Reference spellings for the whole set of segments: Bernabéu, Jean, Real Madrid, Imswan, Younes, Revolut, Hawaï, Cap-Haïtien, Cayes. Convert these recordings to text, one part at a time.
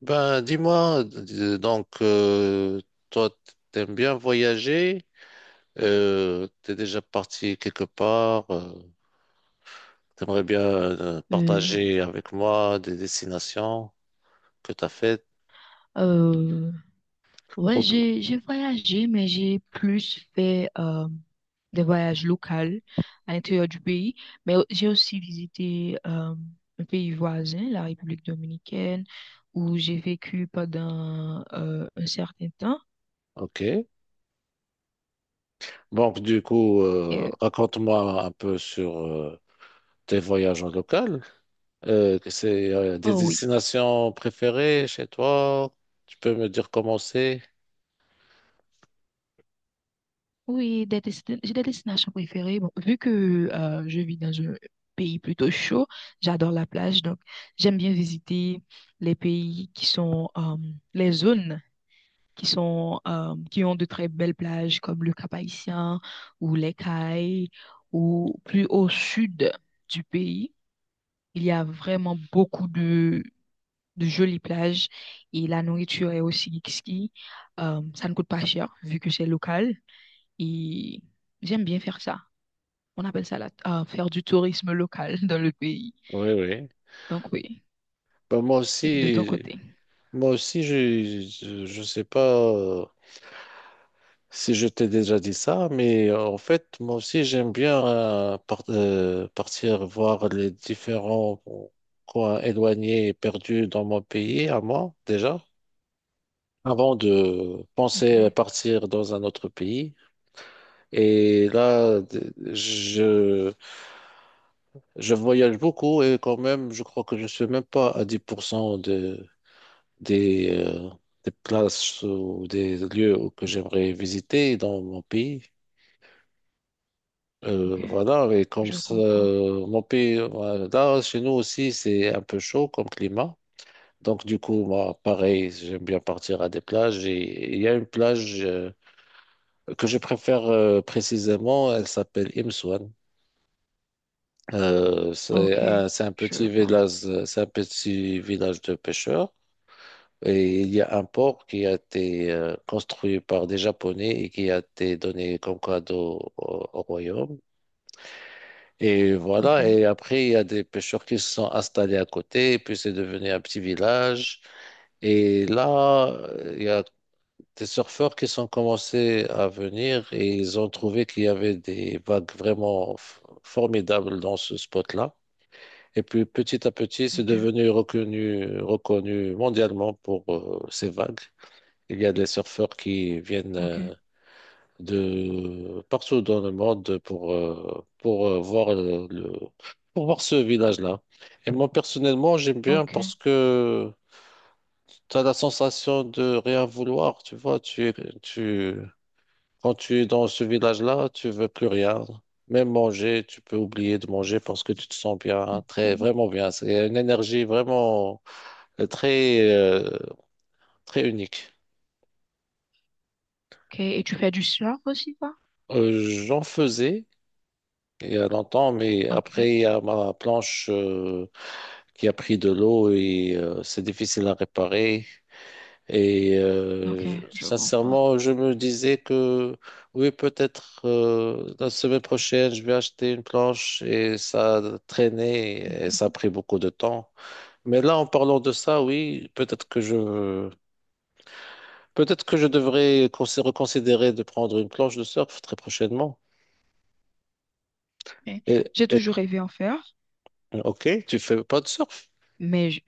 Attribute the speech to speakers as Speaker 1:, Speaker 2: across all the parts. Speaker 1: Ben, dis-moi, toi, t'aimes bien voyager, t'es déjà parti quelque part, t'aimerais bien
Speaker 2: Euh,
Speaker 1: partager avec moi des destinations que t'as faites.
Speaker 2: euh, ouais,
Speaker 1: Ok.
Speaker 2: j'ai voyagé, mais j'ai plus fait des voyages locaux à l'intérieur du pays. Mais j'ai aussi visité un pays voisin, la République dominicaine, où j'ai vécu pendant un certain temps.
Speaker 1: Ok. Donc, du coup,
Speaker 2: Et,
Speaker 1: raconte-moi un peu sur tes voyages en local. Que c'est des
Speaker 2: oh oui,
Speaker 1: destinations préférées chez toi? Tu peux me dire comment c'est?
Speaker 2: oui, j'ai des destinations préférées. Bon, vu que je vis dans un pays plutôt chaud, j'adore la plage, donc j'aime bien visiter les pays qui sont les zones. Qui sont, qui ont de très belles plages comme le Cap-Haïtien ou les Cayes ou plus au sud du pays. Il y a vraiment beaucoup de jolies plages et la nourriture est aussi exquise. Ça ne coûte pas cher vu que c'est local et j'aime bien faire ça. On appelle ça faire du tourisme local dans le pays.
Speaker 1: Oui, oui.
Speaker 2: Donc oui,
Speaker 1: Ben, moi
Speaker 2: et de ton
Speaker 1: aussi.
Speaker 2: côté.
Speaker 1: Moi aussi, je ne sais pas euh, si je t'ai déjà dit ça, mais en fait, moi aussi, j'aime bien partir voir les différents coins éloignés et perdus dans mon pays, à moi, déjà, avant de
Speaker 2: Ok,
Speaker 1: penser à partir dans un autre pays. Et là, je voyage beaucoup et quand même, je crois que je ne suis même pas à 10% des, euh, des places ou des lieux que j'aimerais visiter dans mon pays.
Speaker 2: ok.
Speaker 1: Voilà, et comme
Speaker 2: Je
Speaker 1: ça,
Speaker 2: comprends.
Speaker 1: mon pays, voilà, là, chez nous aussi, c'est un peu chaud comme climat. Donc, du coup, moi, pareil, j'aime bien partir à des plages. Et il y a une plage que je préfère précisément, elle s'appelle Imswan.
Speaker 2: Ah, ok,
Speaker 1: C'est un
Speaker 2: je
Speaker 1: petit
Speaker 2: vois.
Speaker 1: village, c'est un petit village de pêcheurs. Et il y a un port qui a été construit par des Japonais et qui a été donné comme cadeau au royaume. Et
Speaker 2: Ok,
Speaker 1: voilà, et après, il y a des pêcheurs qui se sont installés à côté, et puis c'est devenu un petit village. Et là, il y a des surfeurs qui sont commencés à venir et ils ont trouvé qu'il y avait des vagues vraiment formidables dans ce spot-là. Et puis petit à petit, c'est
Speaker 2: ok,
Speaker 1: devenu reconnu, reconnu mondialement pour ces vagues. Il y a des surfeurs qui viennent
Speaker 2: ok,
Speaker 1: de partout dans le monde pour voir ce village-là. Et moi, personnellement, j'aime bien
Speaker 2: ok.
Speaker 1: parce que tu as la sensation de rien vouloir, tu vois. Tu, quand tu es dans ce village-là, tu veux plus rien. Même manger, tu peux oublier de manger parce que tu te sens bien, très, vraiment bien. C'est une énergie vraiment euh, très, euh, très unique.
Speaker 2: Ok, et tu fais du surf aussi, toi?
Speaker 1: Euh, j'en faisais. Il y a longtemps, mais
Speaker 2: Ok,
Speaker 1: après, il y a ma planche qui a pris de l'eau et c'est difficile à réparer. Et
Speaker 2: ok, je comprends.
Speaker 1: sincèrement, je me disais que oui, peut-être la semaine prochaine, je vais acheter une planche et ça a traîné et ça a
Speaker 2: Mhm.
Speaker 1: pris beaucoup de temps. Mais là, en parlant de ça, oui, peut-être que je devrais reconsidérer de prendre une planche de surf très prochainement.
Speaker 2: Ok.
Speaker 1: Et,
Speaker 2: J'ai
Speaker 1: et-
Speaker 2: toujours rêvé en faire,
Speaker 1: ok, tu fais pas de surf?
Speaker 2: mais je-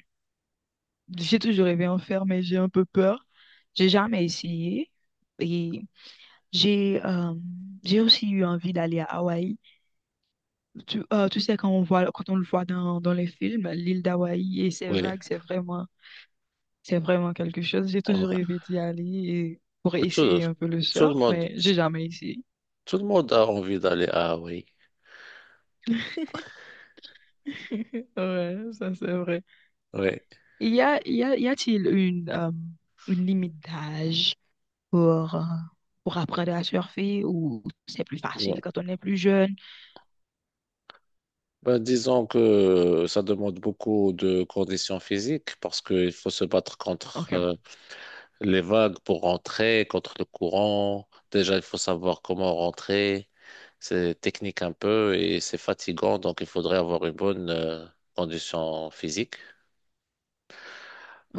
Speaker 2: j'ai toujours rêvé en faire, mais j'ai un peu peur. J'ai jamais essayé. Et j'ai euh, j'ai aussi eu envie d'aller à Hawaï. Tu sais, quand on voit, quand on le voit dans, dans les films, l'île d'Hawaï et ses
Speaker 1: Oui.
Speaker 2: vagues, c'est vraiment. C'est vraiment quelque chose. J'ai toujours
Speaker 1: Ouais.
Speaker 2: rêvé d'y aller et pour
Speaker 1: Tout,
Speaker 2: essayer un peu le
Speaker 1: tout le
Speaker 2: surf,
Speaker 1: monde,
Speaker 2: mais j'ai jamais essayé.
Speaker 1: tout le monde a envie d'aller à Hawaï.
Speaker 2: Ouais, ça c'est vrai.
Speaker 1: Oui.
Speaker 2: Y a-t-il une limite d'âge pour, euh, pour apprendre à surfer ou c'est plus facile
Speaker 1: Non.
Speaker 2: quand on est plus jeune?
Speaker 1: Ben, disons que ça demande beaucoup de conditions physiques parce qu'il faut se battre contre
Speaker 2: Ok,
Speaker 1: les vagues pour rentrer, contre le courant. Déjà, il faut savoir comment rentrer. C'est technique un peu et c'est fatigant, donc il faudrait avoir une bonne condition physique.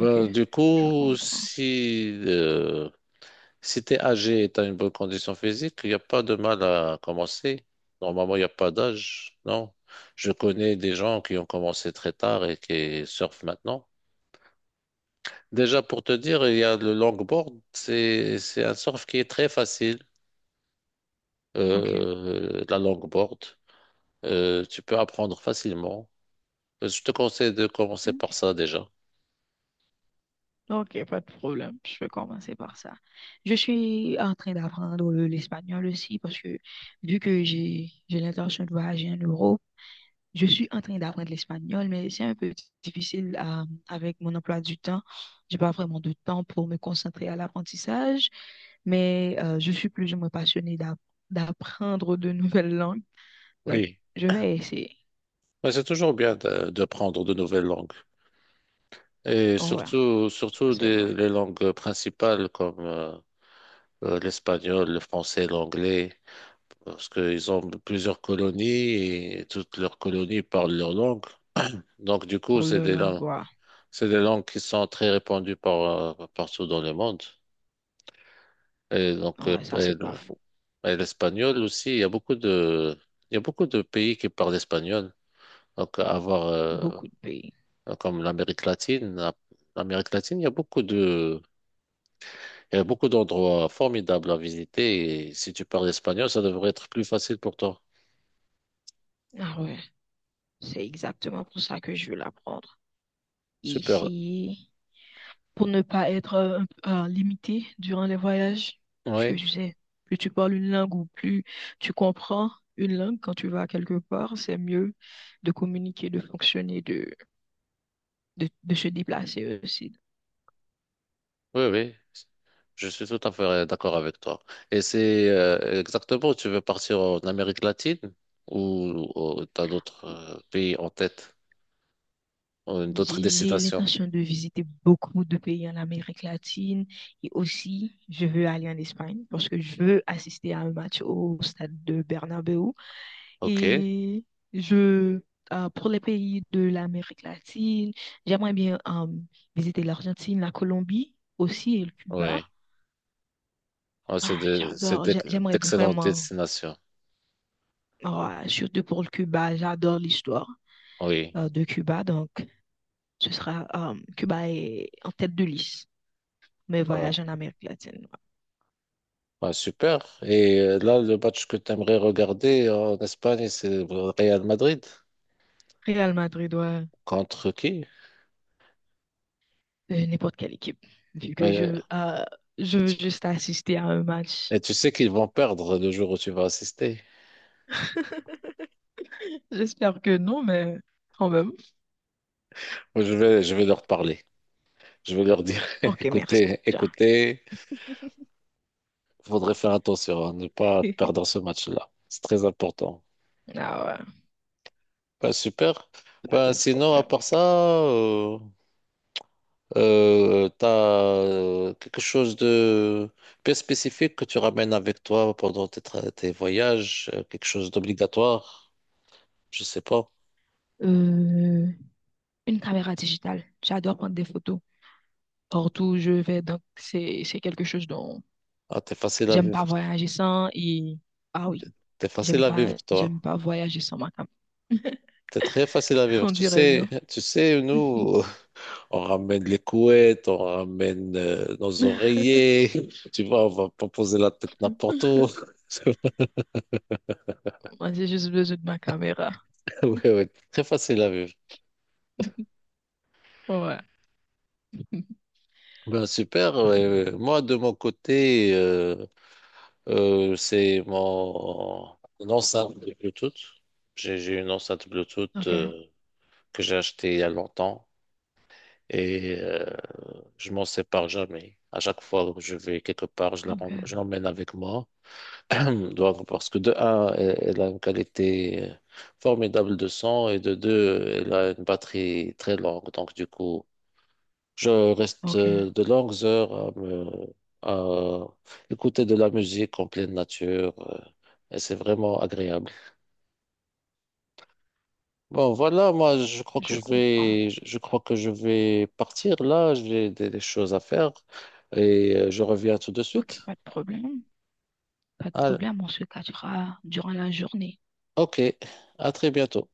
Speaker 2: ok,
Speaker 1: du
Speaker 2: je
Speaker 1: coup,
Speaker 2: comprends.
Speaker 1: si euh, Si t'es âgé et t'as une bonne condition physique, il n'y a pas de mal à commencer. Normalement, il n'y a pas d'âge, non. Je connais des gens qui ont commencé très tard et qui surfent maintenant. Déjà, pour te dire, il y a le longboard. C'est un surf qui est très facile,
Speaker 2: Ok,
Speaker 1: la longboard. Tu peux apprendre facilement. Je te conseille de commencer
Speaker 2: ok,
Speaker 1: par ça déjà.
Speaker 2: ok, pas de problème. Je vais commencer par ça. Je suis en train d'apprendre l'espagnol aussi parce que vu que j'ai l'intention de voyager en Europe, je suis en train d'apprendre l'espagnol, mais c'est un peu difficile à- avec mon emploi du temps. J'ai pas vraiment de temps pour me concentrer à l'apprentissage, mais je suis plus ou moins passionnée d'apprendre de nouvelles langues. Donc,
Speaker 1: Oui.
Speaker 2: je vais essayer.
Speaker 1: Ouais, c'est toujours bien de prendre de nouvelles langues. Et
Speaker 2: Ouais, ça
Speaker 1: surtout
Speaker 2: c'est vrai.
Speaker 1: les langues principales comme l'espagnol, le français, l'anglais, parce qu'ils ont plusieurs colonies et toutes leurs colonies parlent leur langue. Donc, du coup,
Speaker 2: Le langua,
Speaker 1: c'est des langues qui sont très répandues partout dans le monde. Et donc, euh,
Speaker 2: ouais, ça
Speaker 1: et
Speaker 2: c'est pas
Speaker 1: le-
Speaker 2: faux.
Speaker 1: et l'espagnol aussi, il y a beaucoup de pays qui parlent espagnol. Donc, avoir, euh,
Speaker 2: Beaucoup de pays.
Speaker 1: comme l'Amérique latine. L'Amérique latine, il y a beaucoup d'endroits formidables à visiter. Et si tu parles espagnol, ça devrait être plus facile pour toi.
Speaker 2: Ah ouais, c'est exactement pour ça que je veux l'apprendre.
Speaker 1: Super.
Speaker 2: Ici. Pour ne pas être un limité durant les voyages. Puisque
Speaker 1: Oui,
Speaker 2: tu sais, plus tu parles une langue ou plus tu comprends une langue quand tu vas quelque part, c'est mieux de communiquer, de fonctionner, de se déplacer aussi.
Speaker 1: oui, oui. Je suis tout à fait d'accord avec toi. Et c'est exactement, tu veux partir en Amérique latine ou tu as d'autres pays en tête, ou d'autres
Speaker 2: J'ai
Speaker 1: destinations?
Speaker 2: l'intention de visiter beaucoup de pays en Amérique latine et aussi je veux aller en Espagne parce que je veux assister à un match au stade de Bernabéu.
Speaker 1: Ok,
Speaker 2: Et je, pour les pays de l'Amérique latine, j'aimerais bien visiter l'Argentine, la Colombie aussi et le Cuba.
Speaker 1: oui. Ah, c'est
Speaker 2: Ah,
Speaker 1: de- c'est
Speaker 2: j'adore,
Speaker 1: d'ex-
Speaker 2: j'aimerais
Speaker 1: d'excellentes
Speaker 2: vraiment,
Speaker 1: destinations.
Speaker 2: ah, surtout pour le Cuba, j'adore l'histoire
Speaker 1: Oui.
Speaker 2: de Cuba. Donc, ce sera Cuba est en tête de liste, mes
Speaker 1: Voilà.
Speaker 2: voyages en Amérique latine.
Speaker 1: Ah, super. Et là, le match que tu aimerais regarder en Espagne, c'est le Real Madrid.
Speaker 2: Real Madrid, ouais,
Speaker 1: Contre qui?
Speaker 2: n'importe quelle équipe, vu que
Speaker 1: Euh,
Speaker 2: je
Speaker 1: Et
Speaker 2: veux
Speaker 1: tu
Speaker 2: juste assister à un match.
Speaker 1: tu sais qu'ils vont perdre le jour où tu vas assister.
Speaker 2: J'espère que non, mais quand même.
Speaker 1: Moi, je vais leur parler. Je vais leur dire,
Speaker 2: Ok, merci.
Speaker 1: écoutez,
Speaker 2: Jean.
Speaker 1: écoutez, il faudrait faire attention à ne pas perdre ce match-là. C'est très important.
Speaker 2: Ah ouais,
Speaker 1: Bah, super.
Speaker 2: pas
Speaker 1: Bah,
Speaker 2: de
Speaker 1: sinon, à
Speaker 2: problème.
Speaker 1: part ça, t'as quelque chose de bien spécifique que tu ramènes avec toi pendant tes voyages, quelque chose d'obligatoire, je sais pas.
Speaker 2: Euh, une caméra digitale. J'adore prendre des photos partout où je vais. Donc, c'est quelque chose dont
Speaker 1: Ah, t'es facile à
Speaker 2: j'aime
Speaker 1: vivre,
Speaker 2: pas voyager sans. Et ah oui,
Speaker 1: t'es facile à vivre,
Speaker 2: j'aime
Speaker 1: toi.
Speaker 2: pas voyager sans ma caméra.
Speaker 1: T'es très facile à vivre.
Speaker 2: On dirait bien.
Speaker 1: Tu sais, nous, on ramène les couettes, on ramène nos oreillers, tu vois, on va pas poser la tête n'importe où.
Speaker 2: Moi, j'ai juste besoin de ma caméra.
Speaker 1: Oui, oui, très facile à vivre.
Speaker 2: Ouais.
Speaker 1: Ben, super. Ouais, ouais. Moi, de mon côté, c'est mon une enceinte de Bluetooth. J'ai une enceinte Bluetooth
Speaker 2: Ok,
Speaker 1: que j'ai achetée il y a longtemps et je m'en sépare jamais. À chaque fois que je vais quelque part,
Speaker 2: ok,
Speaker 1: je l'emmène avec moi. Donc, parce que de un, elle, elle a une qualité formidable de son et de deux, elle a une batterie très longue. Donc du coup, je reste
Speaker 2: ok,
Speaker 1: de longues heures à écouter de la musique en pleine nature, et c'est vraiment agréable. Bon, voilà, moi,
Speaker 2: je comprends.
Speaker 1: je crois que je vais partir là. J'ai des choses à faire et je reviens tout de suite.
Speaker 2: Ok, pas de problème. Pas de
Speaker 1: Ah,
Speaker 2: problème, on se cachera durant la journée.
Speaker 1: ok, à très bientôt.